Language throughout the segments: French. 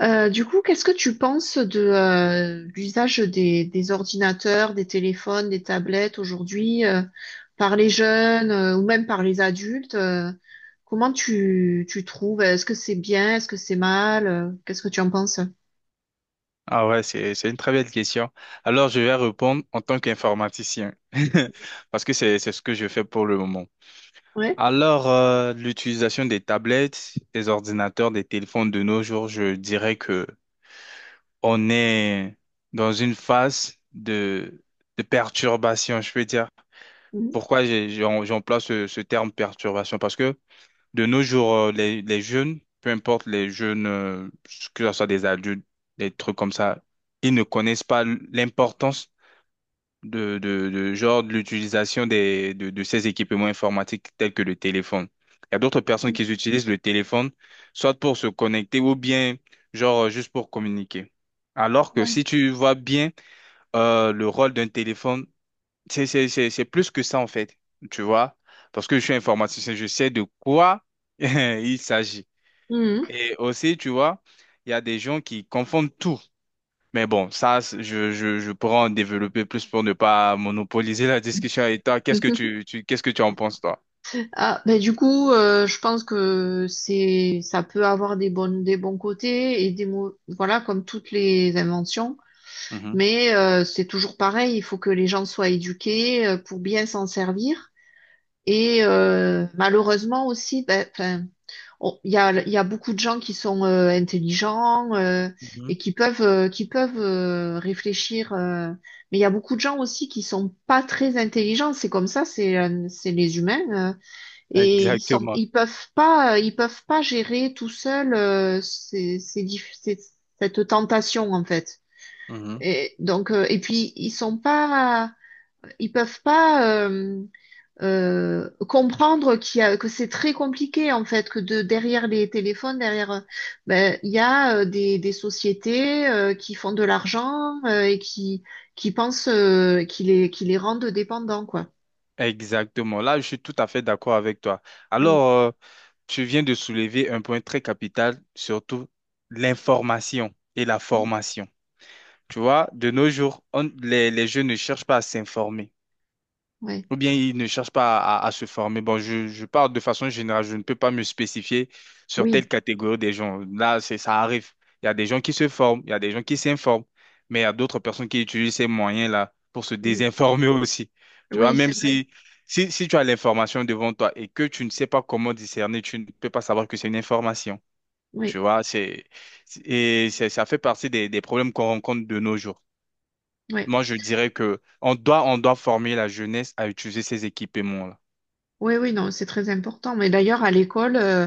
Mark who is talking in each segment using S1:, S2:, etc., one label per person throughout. S1: Du coup, qu'est-ce que tu penses de l'usage des ordinateurs, des téléphones, des tablettes aujourd'hui, par les jeunes, ou même par les adultes? Comment tu trouves? Est-ce que c'est bien? Est-ce que c'est mal? Qu'est-ce que tu en penses?
S2: Ah ouais, c'est une très belle question. Alors, je vais répondre en tant qu'informaticien, parce que c'est ce que je fais pour le moment.
S1: Ouais.
S2: Alors, l'utilisation des tablettes, des ordinateurs, des téléphones de nos jours, je dirais que on est dans une phase de perturbation, je peux dire.
S1: Mhm.
S2: Pourquoi j'emploie ce terme perturbation? Parce que de nos jours, les jeunes, peu importe les jeunes, que ce soit des adultes, des trucs comme ça, ils ne connaissent pas l'importance de l'utilisation de ces équipements informatiques tels que le téléphone. Il y a d'autres personnes qui utilisent le téléphone, soit pour se connecter ou bien genre juste pour communiquer. Alors que
S1: Ouais.
S2: si tu vois bien le rôle d'un téléphone c'est plus que ça, en fait, tu vois, parce que je suis informaticien, je sais de quoi il s'agit.
S1: Mhm.
S2: Et aussi, tu vois, il y a des gens qui confondent tout. Mais bon, ça, je pourrais en développer plus pour ne pas monopoliser la discussion. Et toi, qu'est-ce que qu'est-ce que tu en penses, toi?
S1: Ah, ben du coup, je pense que c'est, ça peut avoir des bonnes, des bons côtés et des mots, voilà, comme toutes les inventions.
S2: Mhm.
S1: Mais c'est toujours pareil, il faut que les gens soient éduqués, pour bien s'en servir. Et malheureusement aussi, ben, y a beaucoup de gens qui sont intelligents, et
S2: Mhm.
S1: qui peuvent réfléchir. Mais il y a beaucoup de gens aussi qui sont pas très intelligents. C'est comme ça, c'est les humains. Et
S2: Exactement.
S1: ils peuvent pas gérer tout seuls, cette tentation en fait.
S2: Mhm.
S1: Et donc, et puis ils peuvent pas, comprendre que c'est très compliqué en fait, que de derrière les téléphones, derrière, ben il y a, des sociétés, qui font de l'argent, qui pensent, qui les rendent dépendants quoi.
S2: Exactement. Là, je suis tout à fait d'accord avec toi.
S1: Mm,
S2: Alors, tu viens de soulever un point très capital, surtout l'information et la
S1: mm,
S2: formation. Tu vois, de nos jours, les jeunes ne cherchent pas à s'informer
S1: ouais,
S2: ou bien ils ne cherchent pas à se former. Bon, je parle de façon générale, je ne peux pas me spécifier sur telle
S1: oui,
S2: catégorie des gens. Là, c'est, ça arrive. Il y a des gens qui se forment, il y a des gens qui s'informent, mais il y a d'autres personnes qui utilisent ces moyens-là pour se
S1: mm,
S2: désinformer aussi. Tu vois,
S1: oui, c'est
S2: même
S1: vrai,
S2: si tu as l'information devant toi et que tu ne sais pas comment discerner, tu ne peux pas savoir que c'est une information. Tu
S1: oui,
S2: vois, c'est- ça fait partie des problèmes qu'on rencontre de nos jours.
S1: oui.
S2: Moi, je dirais que on doit former la jeunesse à utiliser ces équipements-là.
S1: Oui, oui, non, c'est très important. Mais d'ailleurs, à l'école,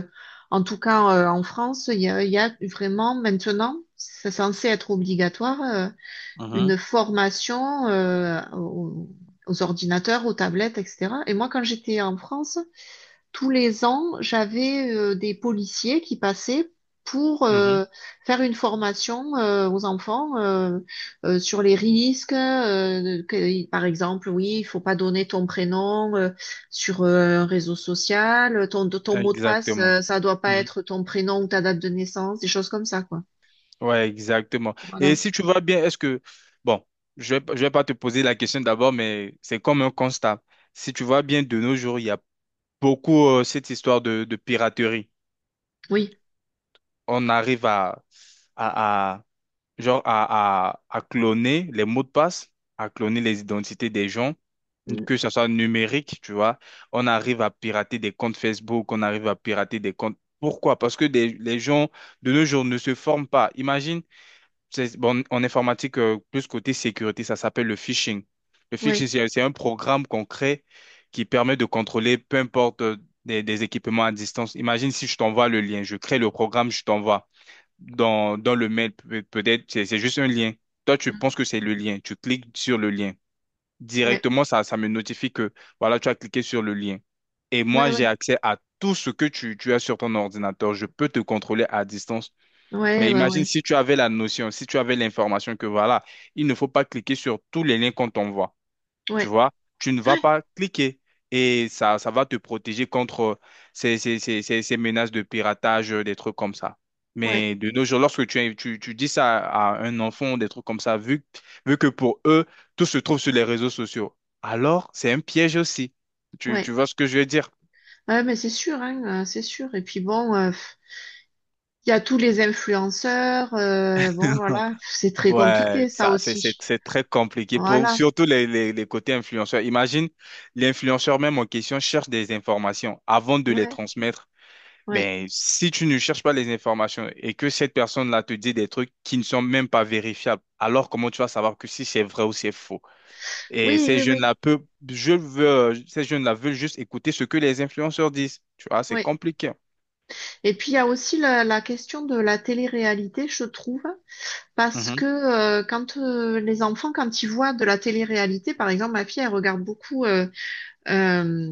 S1: en tout cas, en France, il y a vraiment maintenant, c'est censé être obligatoire,
S2: Mhm.
S1: une formation aux ordinateurs, aux tablettes, etc. Et moi, quand j'étais en France, tous les ans, j'avais des policiers qui passaient pour,
S2: Mhm.
S1: faire une formation aux enfants, sur les risques. Par exemple, oui, il faut pas donner ton prénom, sur un réseau social, ton mot de passe,
S2: Exactement.
S1: ça doit pas
S2: Mhm.
S1: être ton prénom ou ta date de naissance, des choses comme ça, quoi.
S2: Ouais, exactement. Et
S1: Voilà.
S2: si tu vois bien, est-ce que, bon, je vais pas te poser la question d'abord, mais c'est comme un constat. Si tu vois bien, de nos jours, il y a beaucoup cette histoire de piraterie.
S1: Oui.
S2: On arrive à, à- genre à cloner les mots de passe, à cloner les identités des gens
S1: Mm.
S2: que ça soit numérique, tu vois, on arrive à pirater des comptes Facebook, on arrive à pirater des comptes. Pourquoi? Parce que les gens de nos jours ne se forment pas. Imagine, c'est- bon, en informatique, plus côté sécurité, ça s'appelle le phishing. Le phishing,
S1: Oui.
S2: c'est un programme qu'on crée qui permet de contrôler peu importe des équipements à distance. Imagine si je t'envoie le lien, je crée le programme, je t'envoie dans le mail, peut-être, c'est juste un lien. Toi, tu penses que c'est le lien, tu cliques sur le lien
S1: Ouais,
S2: directement, ça me notifie que, voilà, tu as cliqué sur le lien. Et
S1: ouais,
S2: moi,
S1: ouais,
S2: j'ai accès à tout ce que tu as sur ton ordinateur. Je peux te contrôler à distance.
S1: ouais, ouais,
S2: Mais
S1: ouais,
S2: imagine
S1: ouais,
S2: si tu avais la notion, si tu avais l'information que, voilà, il ne faut pas cliquer sur tous les liens qu'on t'envoie tu
S1: ouais,
S2: vois, tu ne vas pas cliquer. Et ça va te protéger contre ces menaces de piratage, des trucs comme ça.
S1: ouais,
S2: Mais de nos jours, lorsque tu dis ça à un enfant, des trucs comme ça, vu que pour eux, tout se trouve sur les réseaux sociaux, alors c'est un piège aussi. Tu
S1: ouais,
S2: vois ce que je veux dire?
S1: ouais, mais c'est sûr, hein, c'est sûr. Et puis bon, il y a tous les influenceurs. Bon, voilà, c'est très
S2: Ouais,
S1: compliqué, ça
S2: ça,
S1: aussi.
S2: c'est très compliqué pour
S1: Voilà,
S2: surtout les côtés influenceurs. Imagine, l'influenceur même en question cherche des informations avant de les
S1: ouais,
S2: transmettre.
S1: ouais.
S2: Mais si tu ne cherches pas les informations et que cette personne-là te dit des trucs qui ne sont même pas vérifiables, alors comment tu vas savoir que si c'est vrai ou c'est faux? Et
S1: Oui,
S2: ces
S1: oui, oui,
S2: jeunes-là peuvent, je veux, ces jeunes-là veulent juste écouter ce que les influenceurs disent. Tu vois, c'est
S1: oui.
S2: compliqué.
S1: Et puis, il y a aussi la question de la télé-réalité, je trouve, parce que
S2: Mhm,
S1: quand les enfants, quand ils voient de la télé-réalité, par exemple, ma fille, elle regarde beaucoup, euh,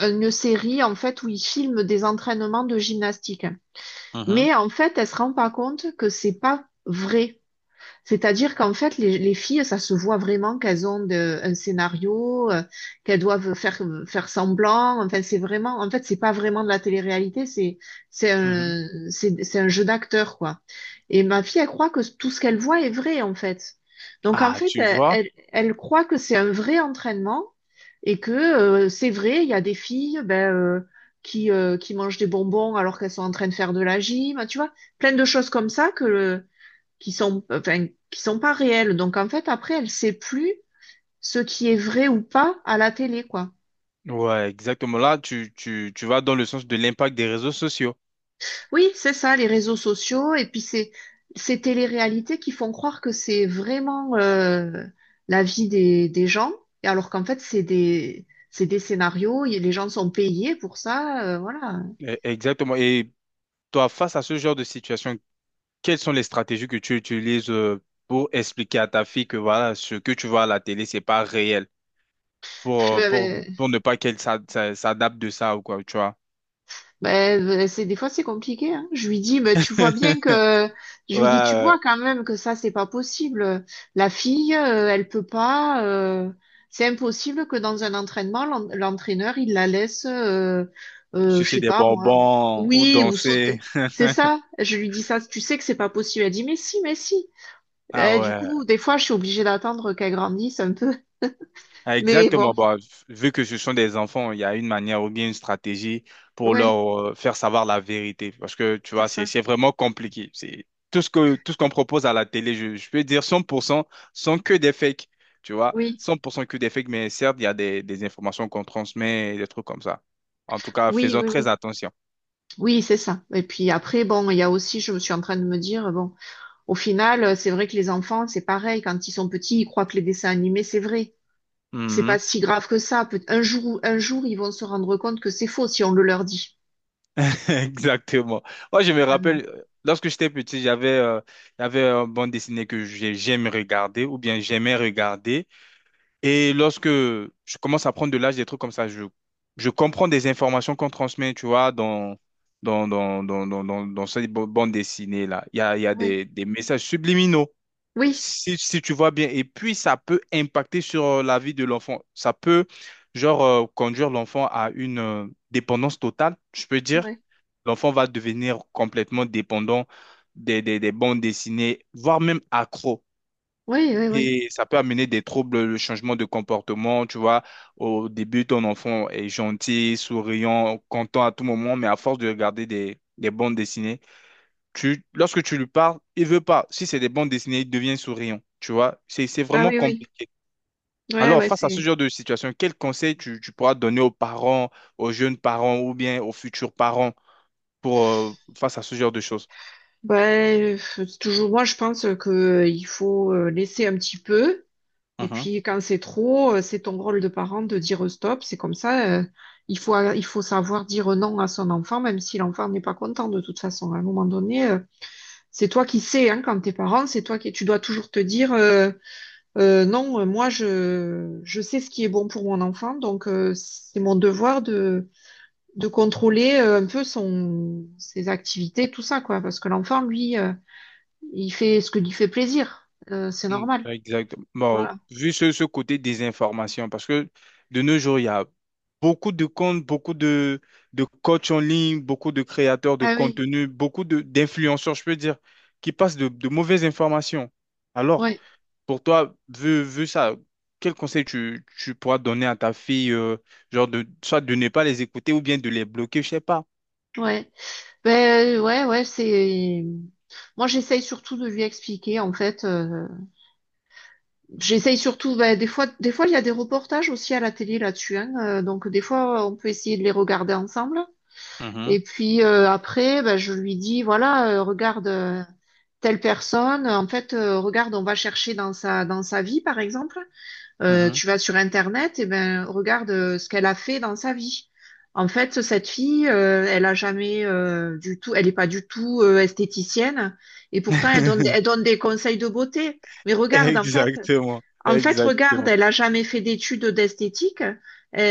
S1: une série, en fait, où ils filment des entraînements de gymnastique.
S2: mhm,
S1: Mais en fait, elle se rend pas compte que c'est pas vrai. C'est-à-dire qu'en fait, les filles, ça se voit vraiment un scénario, qu'elles doivent faire, faire semblant. Enfin, c'est vraiment, en fait, c'est pas vraiment de la télé-réalité, c'est,
S2: mhm.
S1: c'est un jeu d'acteur, quoi. Et ma fille, elle croit que tout ce qu'elle voit est vrai, en fait. Donc, en
S2: Ah,
S1: fait,
S2: tu vois?
S1: elle croit que c'est un vrai entraînement et que, c'est vrai, il y a des filles, ben, qui mangent des bonbons alors qu'elles sont en train de faire de la gym, tu vois, plein de choses comme ça que, qui sont, enfin, qui sont pas réelles. Donc en fait, après, elle sait plus ce qui est vrai ou pas à la télé, quoi.
S2: Ouais, exactement. Là, tu vas dans le sens de l'impact des réseaux sociaux.
S1: Oui, c'est ça, les réseaux sociaux, et puis c'est ces téléréalités qui font croire que c'est vraiment, la vie des gens, et alors qu'en fait, c'est des scénarios, et les gens sont payés pour ça, voilà.
S2: E- Exactement. Et toi, face à ce genre de situation, quelles sont les stratégies que tu utilises pour expliquer à ta fille que voilà, ce que tu vois à la télé, c'est pas réel, pour,
S1: Euh,
S2: pour ne pas qu'elle s'adapte de ça ou quoi, tu vois?
S1: Ben, c'est des fois c'est compliqué, hein. Je lui dis, ben tu vois bien que,
S2: Ouais,
S1: tu
S2: ouais.
S1: vois quand même que ça c'est pas possible. La fille, elle peut pas. C'est impossible que dans un entraînement, l'entraîneur il la laisse, je
S2: Sucer
S1: sais
S2: des
S1: pas moi.
S2: bonbons ou
S1: Oui, ou
S2: danser.
S1: sauter. C'est ça. Je lui dis ça. Tu sais que c'est pas possible. Elle dit, mais si, mais si.
S2: Ah
S1: Eh, du
S2: ouais.
S1: coup, des fois, je suis obligée d'attendre qu'elle grandisse un peu.
S2: Ah,
S1: Mais
S2: exactement.
S1: bon,
S2: Bah, vu que ce sont des enfants, il y a une manière ou bien une stratégie pour
S1: ouais,
S2: leur faire savoir la vérité. Parce que, tu
S1: c'est
S2: vois,
S1: ça.
S2: c'est vraiment compliqué. C'est tout ce que, tout ce qu'on propose à la télé, je peux dire 100%, sont que des fakes. Tu vois,
S1: Oui,
S2: 100% que des fakes, mais certes, il y a des informations qu'on transmet, des trucs comme ça. En tout cas,
S1: oui,
S2: faisons
S1: oui,
S2: très
S1: oui.
S2: attention.
S1: Oui, c'est ça. Et puis après, bon, il y a aussi, je suis en train de me dire, bon, au final, c'est vrai que les enfants, c'est pareil, quand ils sont petits, ils croient que les dessins animés, c'est vrai. C'est pas
S2: Mhm.
S1: si grave que ça. Un jour, ils vont se rendre compte que c'est faux si on le leur dit,
S2: Exactement. Moi, je me
S1: finalement.
S2: rappelle, lorsque j'étais petit, j'avais il y avait une bande dessinée que j'aime regarder ou bien j'aimais regarder. Et lorsque je commence à prendre de l'âge, des trucs comme ça, je comprends des informations qu'on transmet, tu vois, dans cette bande dessinée-là. Il y a
S1: Ouais.
S2: des messages subliminaux,
S1: Oui,
S2: si tu vois bien. Et puis, ça peut impacter sur la vie de l'enfant. Ça peut, genre, conduire l'enfant à une dépendance totale, je peux dire.
S1: ouais.
S2: L'enfant va devenir complètement dépendant des bandes dessinées, voire même accro.
S1: Oui, oui, oui.
S2: Et ça peut amener des troubles, le changement de comportement, tu vois. Au début, ton enfant est gentil, souriant, content à tout moment, mais à force de regarder des bandes dessinées, tu, lorsque tu lui parles, il veut pas. Si c'est des bandes dessinées, il devient souriant, tu vois. C'est
S1: Ah
S2: vraiment
S1: oui, oui.
S2: compliqué.
S1: Ouais,
S2: Alors, face à ce genre de situation, quel conseil tu pourras donner aux parents, aux jeunes parents ou bien aux futurs parents pour, face à ce genre de choses?
S1: Ouais, c'est toujours moi, je pense que, il faut, laisser un petit peu. Et puis quand c'est trop, c'est ton rôle de parent de dire stop. C'est comme ça, il faut savoir dire non à son enfant, même si l'enfant n'est pas content de toute façon. À un moment donné, c'est toi qui sais, hein, quand t'es parent, c'est toi qui, tu dois toujours te dire, non, moi je sais ce qui est bon pour mon enfant, donc c'est mon devoir de contrôler, un peu son, ses activités, tout ça, quoi, parce que l'enfant, lui, il fait ce que lui fait plaisir. C'est
S2: Mm,
S1: normal.
S2: exact. Bon,
S1: Voilà.
S2: vu ce côté désinformation, parce que de nos jours, il y a beaucoup de comptes, beaucoup de coachs en ligne, beaucoup de créateurs de
S1: Ah oui.
S2: contenu, beaucoup d'influenceurs, je peux dire, qui passent de mauvaises informations. Alors,
S1: Ouais.
S2: pour toi, vu ça, quel conseil tu pourras donner à ta fille, genre de, soit de ne pas les écouter ou bien de les bloquer, je sais pas.
S1: Ouais, ben ouais, ouais, c'est. Moi, j'essaye surtout de lui expliquer. En fait, j'essaye surtout. Ben, des fois, il y a des reportages aussi à la télé là-dessus. Hein, donc, des fois, on peut essayer de les regarder ensemble.
S2: Mhm,
S1: Et puis après, ben, je lui dis, voilà, regarde, telle personne. En fait, regarde, on va chercher dans sa vie, par exemple.
S2: mhm.
S1: Tu vas sur Internet, et ben regarde, ce qu'elle a fait dans sa vie. En fait, cette fille, elle a jamais du tout, elle n'est pas du tout esthéticienne, et pourtant elle donne des conseils de beauté. Mais regarde,
S2: Exactement,
S1: en fait, regarde,
S2: exactement.
S1: elle a jamais fait d'études d'esthétique,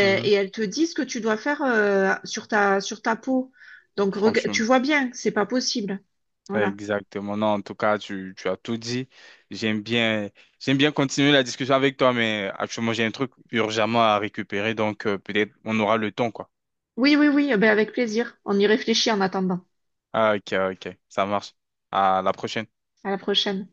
S2: Mhm,
S1: elle te dit ce que tu dois faire sur ta peau. Donc tu
S2: franchement.
S1: vois bien, c'est pas possible. Voilà.
S2: Exactement. Non, en tout cas, tu as tout dit. J'aime bien, j'aime bien continuer la discussion avec toi, mais actuellement, j'ai un truc urgemment à récupérer, donc peut-être on aura le temps, quoi.
S1: Oui, oui, oui, eh ben avec plaisir. On y réfléchit en attendant.
S2: Ah, ok, ok. Ça marche. À la prochaine.
S1: À la prochaine.